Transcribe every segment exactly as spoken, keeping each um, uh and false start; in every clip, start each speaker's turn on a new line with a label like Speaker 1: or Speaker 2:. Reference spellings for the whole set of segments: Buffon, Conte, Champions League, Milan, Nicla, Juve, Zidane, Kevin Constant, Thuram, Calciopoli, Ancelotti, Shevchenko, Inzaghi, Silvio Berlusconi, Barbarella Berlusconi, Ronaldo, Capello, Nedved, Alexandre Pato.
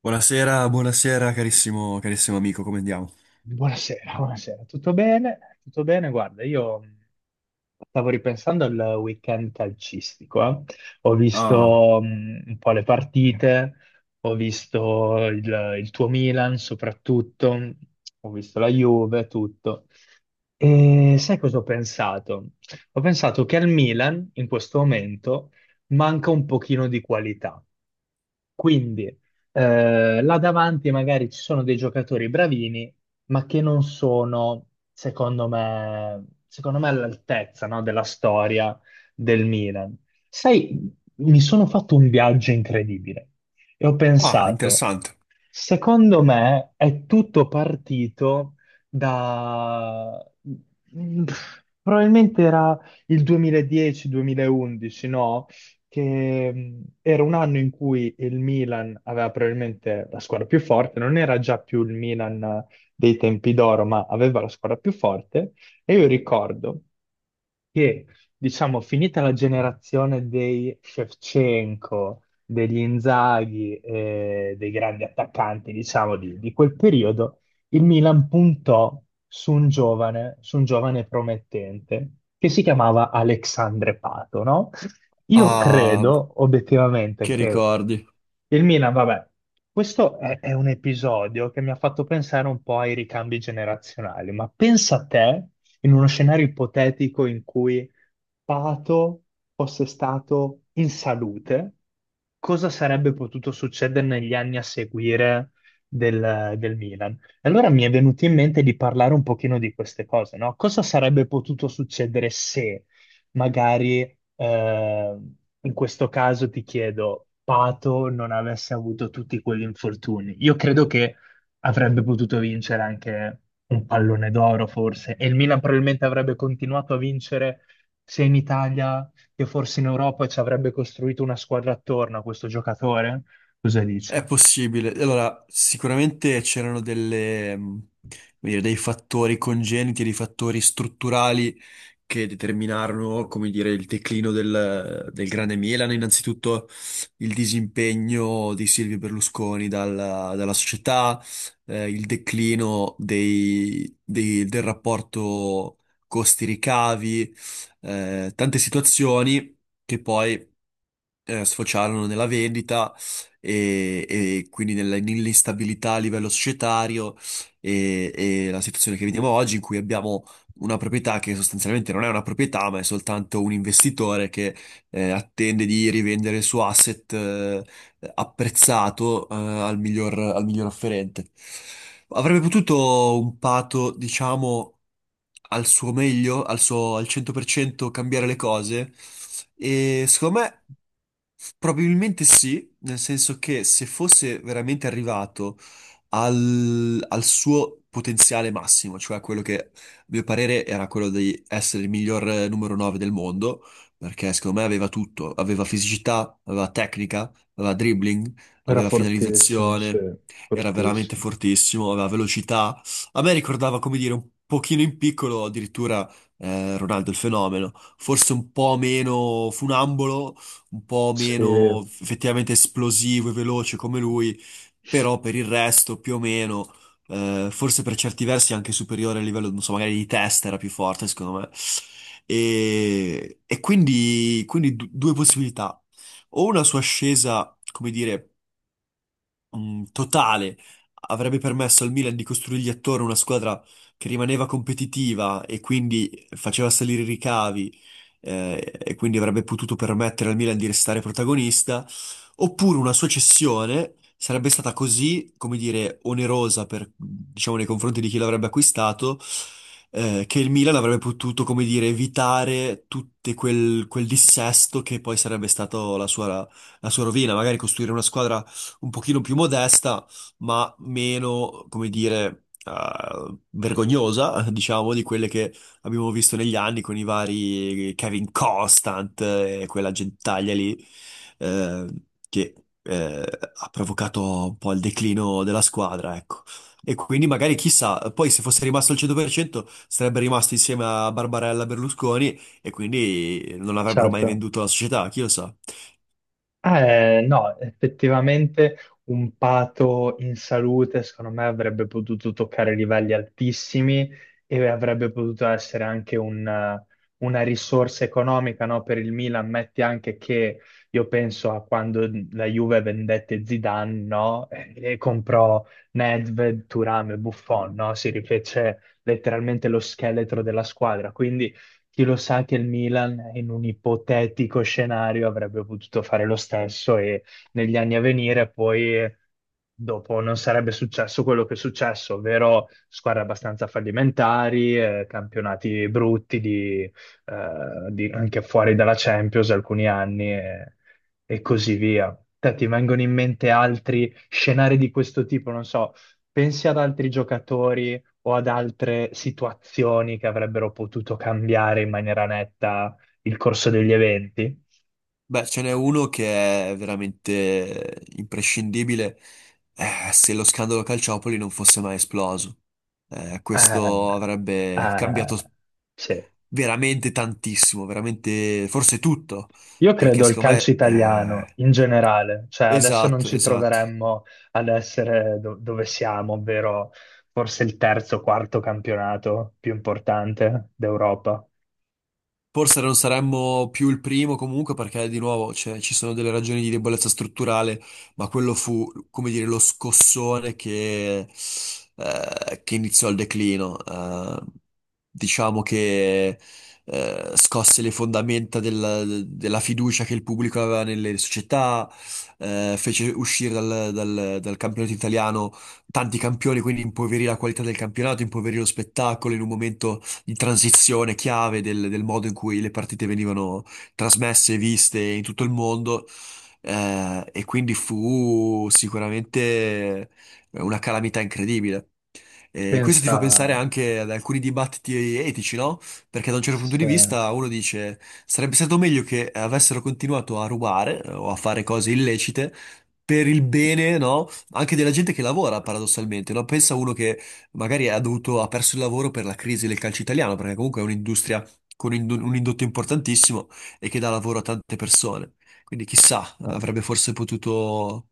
Speaker 1: Buonasera, buonasera carissimo, carissimo amico, come andiamo?
Speaker 2: Buonasera, buonasera. Tutto bene? Tutto bene? Guarda, io mh, stavo ripensando al weekend calcistico, eh. Ho
Speaker 1: Ah.
Speaker 2: visto mh, un po' le partite, ho visto il, il tuo Milan soprattutto, ho visto la Juve, tutto. E sai cosa ho pensato? Ho pensato che al Milan in questo momento manca un pochino di qualità. Quindi eh, là davanti magari ci sono dei giocatori bravini ma che non sono, secondo me, secondo me all'altezza, no, della storia del Milan. Sai, mi sono fatto un viaggio incredibile e ho
Speaker 1: Ah,
Speaker 2: pensato,
Speaker 1: interessante.
Speaker 2: secondo me è tutto partito da... mm, probabilmente era il duemiladieci-duemilaundici, no? Che mm, era un anno in cui il Milan aveva probabilmente la squadra più forte, non era già più il Milan dei tempi d'oro, ma aveva la squadra più forte. E io ricordo che, diciamo, finita la generazione dei Shevchenko, degli Inzaghi, eh, dei grandi attaccanti, diciamo, di, di quel periodo, il Milan puntò su un giovane, su un giovane promettente che si chiamava Alexandre Pato, no? Io
Speaker 1: Ah,
Speaker 2: credo obiettivamente
Speaker 1: che
Speaker 2: che
Speaker 1: ricordi?
Speaker 2: il Milan, vabbè, questo è, è un episodio che mi ha fatto pensare un po' ai ricambi generazionali, ma pensa a te in uno scenario ipotetico in cui Pato fosse stato in salute, cosa sarebbe potuto succedere negli anni a seguire del, del Milan? E allora mi è venuto in mente di parlare un pochino di queste cose, no? Cosa sarebbe potuto succedere se magari eh, in questo caso ti chiedo, Pato non avesse avuto tutti quegli infortuni, io credo che avrebbe potuto vincere anche un pallone d'oro forse, e il Milan probabilmente avrebbe continuato a vincere sia in Italia che forse in Europa e ci avrebbe costruito una squadra attorno a questo giocatore. Cosa dici?
Speaker 1: È possibile. Allora, sicuramente c'erano delle, mh, come dire, dei fattori congeniti, dei fattori strutturali che determinarono, come dire, il declino del, del Grande Milan. Innanzitutto il disimpegno di Silvio Berlusconi dalla, dalla società, eh, il declino dei- dei- del rapporto costi-ricavi, eh, tante situazioni che poi eh, sfociarono nella vendita e, e quindi nella- nell'instabilità a livello societario e, e la situazione che vediamo oggi in cui abbiamo una proprietà che sostanzialmente non è una proprietà, ma è soltanto un investitore che eh, attende di rivendere il suo asset, eh, apprezzato, eh, al miglior, al miglior offerente. Avrebbe potuto un pato, diciamo al suo meglio, al suo al cento per cento cambiare le cose? E secondo me probabilmente sì, nel senso che se fosse veramente arrivato al, al suo potenziale massimo, cioè quello che a mio parere era quello di essere il miglior, eh, numero nove del mondo, perché secondo me aveva tutto, aveva fisicità, aveva tecnica, aveva dribbling,
Speaker 2: Era
Speaker 1: aveva
Speaker 2: fortissimo, sì,
Speaker 1: finalizzazione, era veramente
Speaker 2: fortissimo.
Speaker 1: fortissimo, aveva velocità. A me ricordava, come dire, un pochino in piccolo addirittura, eh, Ronaldo il fenomeno, forse un po' meno funambolo, un po'
Speaker 2: Sì,
Speaker 1: meno effettivamente esplosivo e veloce come lui, però per il resto più o meno, eh, forse per certi versi anche superiore a livello, non so, magari di testa era più forte secondo me. E, e quindi, quindi du- due possibilità: o una sua ascesa, come dire, mh, totale avrebbe permesso al Milan di costruirgli attorno una squadra che rimaneva competitiva e quindi faceva salire i ricavi, eh, e quindi avrebbe potuto permettere al Milan di restare protagonista, oppure una sua cessione sarebbe stata così, come dire, onerosa per, diciamo, nei confronti di chi l'avrebbe acquistato. Eh, che il Milan avrebbe potuto, come dire, evitare tutto quel, quel dissesto che poi sarebbe stato la sua, la sua rovina, magari costruire una squadra un pochino più modesta, ma meno, come dire, eh, vergognosa, diciamo, di quelle che abbiamo visto negli anni con i vari Kevin Constant e quella gentaglia lì, eh, che eh, ha provocato un po' il declino della squadra, ecco. E quindi magari chissà, poi se fosse rimasto al cento per cento sarebbe rimasto insieme a Barbarella Berlusconi e quindi non avrebbero mai
Speaker 2: certo.
Speaker 1: venduto la società, chi lo sa.
Speaker 2: Eh, no, effettivamente un Pato in salute, secondo me, avrebbe potuto toccare livelli altissimi e avrebbe potuto essere anche un- eh, una risorsa economica, no, per il Milan. Metti anche che io penso a quando la Juve vendette Zidane, no, e e comprò Nedved, Thuram e Buffon, no? Si rifece letteralmente lo scheletro della squadra. Quindi chi lo sa che il Milan in un ipotetico scenario avrebbe potuto fare lo stesso e negli anni a venire poi dopo non sarebbe successo quello che è successo, ovvero squadre abbastanza fallimentari, eh, campionati brutti di, eh, di- anche fuori dalla Champions alcuni anni e, e così via. Te ti vengono in mente altri scenari di questo tipo? Non so, pensi ad altri giocatori o ad altre situazioni che avrebbero potuto cambiare in maniera netta il corso degli eventi.
Speaker 1: Beh, ce n'è uno che è veramente imprescindibile, eh, se lo scandalo Calciopoli non fosse mai esploso. Eh,
Speaker 2: Ah,
Speaker 1: questo avrebbe cambiato
Speaker 2: ah, sì.
Speaker 1: veramente tantissimo, veramente forse tutto,
Speaker 2: Io
Speaker 1: perché
Speaker 2: credo il
Speaker 1: secondo
Speaker 2: calcio
Speaker 1: me...
Speaker 2: italiano
Speaker 1: eh,
Speaker 2: in generale, cioè adesso non
Speaker 1: Esatto,
Speaker 2: ci
Speaker 1: esatto.
Speaker 2: troveremmo ad essere do- dove siamo, ovvero forse il terzo o quarto campionato più importante d'Europa.
Speaker 1: Forse non saremmo più il primo comunque perché di nuovo, cioè, ci sono delle ragioni di debolezza strutturale, ma quello fu, come dire, lo scossone che, eh, che iniziò il declino. Eh, diciamo che, eh, scosse le fondamenta del- della fiducia che il pubblico aveva nelle società, eh, fece uscire dal, dal- dal campionato italiano tanti campioni, quindi impoverì la qualità del campionato, impoverì lo spettacolo in un momento in transizione chiave del, del modo in cui le partite venivano trasmesse e viste in tutto il mondo. Eh, e quindi fu sicuramente una calamità incredibile. E questo ti
Speaker 2: Pensa
Speaker 1: fa pensare anche ad alcuni dibattiti etici, no? Perché da un certo punto di
Speaker 2: se...
Speaker 1: vista uno dice sarebbe stato meglio che avessero continuato a rubare, eh, o a fare cose illecite per il bene, no? Anche della gente che lavora, paradossalmente, no? Pensa uno che magari ha dovuto, ha perso il lavoro per la crisi del calcio italiano, perché comunque è un'industria con ind- un indotto importantissimo e che dà lavoro a tante persone. Quindi chissà, avrebbe forse potuto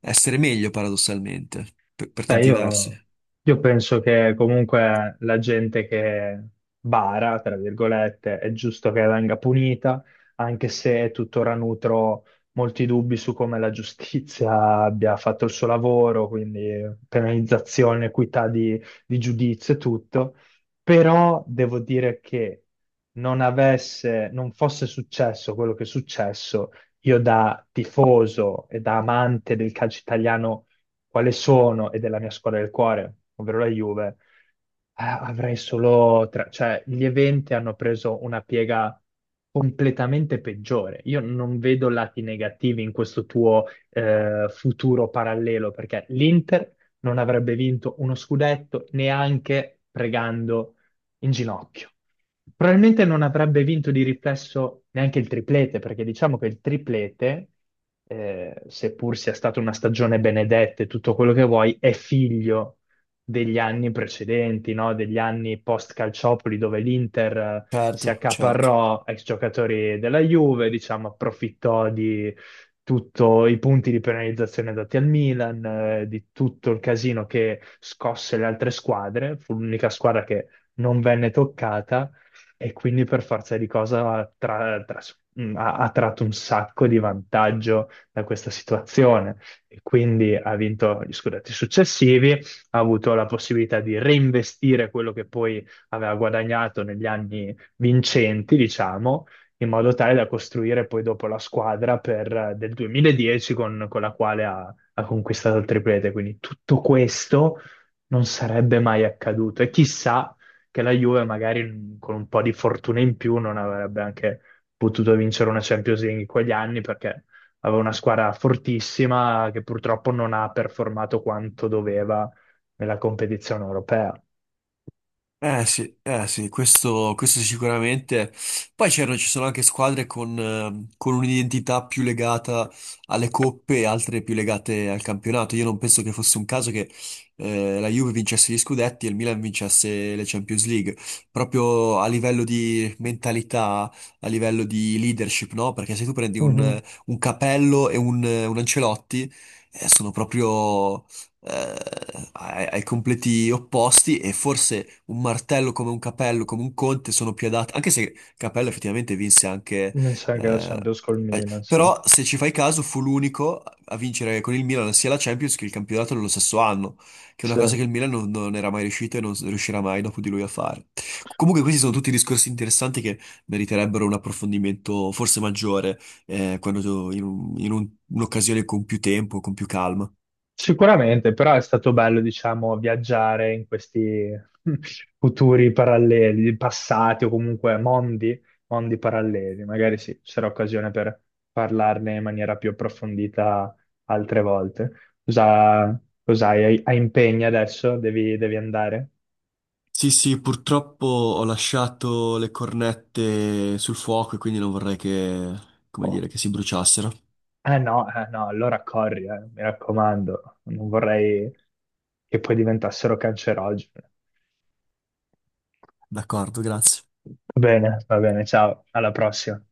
Speaker 1: essere meglio, paradossalmente, per per
Speaker 2: Sai,
Speaker 1: tanti versi.
Speaker 2: io, io penso che comunque la gente che bara, tra virgolette, è giusto che venga punita, anche se tuttora nutro molti dubbi su come la giustizia abbia fatto il suo lavoro, quindi penalizzazione, equità di, di giudizio e tutto. Però devo dire che non avesse, non fosse successo quello che è successo, io da tifoso e da amante del calcio italiano quale sono, ed è la mia squadra del cuore, ovvero la Juve, eh, avrei solo tre, cioè gli eventi hanno preso una piega completamente peggiore. Io non vedo lati negativi in questo tuo eh, futuro parallelo, perché l'Inter non avrebbe vinto uno scudetto neanche pregando in ginocchio. Probabilmente non avrebbe vinto di riflesso neanche il triplete, perché diciamo che il triplete, eh, seppur sia stata una stagione benedetta e tutto quello che vuoi, è figlio degli anni precedenti, no? Degli anni post Calciopoli dove l'Inter eh, si
Speaker 1: Certo, certo.
Speaker 2: accaparrò ex giocatori della Juve, diciamo, approfittò di tutti i punti di penalizzazione dati al Milan, eh, di tutto il casino che scosse le altre squadre, fu l'unica squadra che non venne toccata e quindi per forza di cosa ha, tra- tras- mh, ha- ha tratto un sacco di vantaggio da questa situazione e quindi ha vinto gli scudetti successivi ha avuto la possibilità di reinvestire quello che poi aveva guadagnato negli anni vincenti, diciamo, in modo tale da costruire poi dopo la squadra per- eh, del duemiladieci con, con la quale ha, ha conquistato il triplete. Quindi tutto questo non sarebbe mai accaduto e chissà che la Juve magari mm, con un po' di fortuna in più non avrebbe anche potuto vincere una Champions League in quegli anni perché aveva una squadra fortissima che purtroppo non ha performato quanto doveva nella competizione europea.
Speaker 1: Eh sì, eh sì, questo, questo sicuramente. Poi c'erano, ci sono anche squadre con, ehm, con un'identità più legata alle coppe e altre più legate al campionato. Io non penso che fosse un caso che, eh, la Juve vincesse gli scudetti e il Milan vincesse le Champions League. Proprio a livello di mentalità, a livello di leadership, no? Perché se tu prendi
Speaker 2: Mhm.
Speaker 1: un, un Capello e un, un Ancelotti, eh, sono proprio, eh, ai, ai completi opposti, e forse un martello come un Capello, come un Conte sono più adatti, anche se Capello effettivamente vinse anche...
Speaker 2: Mi sa che la
Speaker 1: eh,
Speaker 2: Champions col
Speaker 1: eh,
Speaker 2: Milan, sì.
Speaker 1: però se ci fai caso fu l'unico a vincere con il Milan sia la Champions che il campionato nello stesso anno, che è una
Speaker 2: Sì.
Speaker 1: cosa che il Milan non, non era mai riuscito e non riuscirà mai dopo di lui a fare. Comunque questi sono tutti discorsi interessanti che meriterebbero un approfondimento forse maggiore, eh, quando in un- in un- un'occasione con più tempo, con più calma.
Speaker 2: Sicuramente, però è stato bello, diciamo, viaggiare in questi futuri paralleli, passati o comunque mondi, mondi paralleli. Magari sì, ci sarà occasione per parlarne in maniera più approfondita altre volte. Cosa, cosa hai, hai impegni adesso? Devi, devi andare?
Speaker 1: Sì, sì, purtroppo ho lasciato le cornette sul fuoco e quindi non vorrei che, come
Speaker 2: Oh.
Speaker 1: dire, che si bruciassero.
Speaker 2: Eh no, eh no, allora corri, eh, mi raccomando, non vorrei che poi diventassero cancerogene.
Speaker 1: D'accordo, grazie.
Speaker 2: Va bene, va bene, ciao, alla prossima.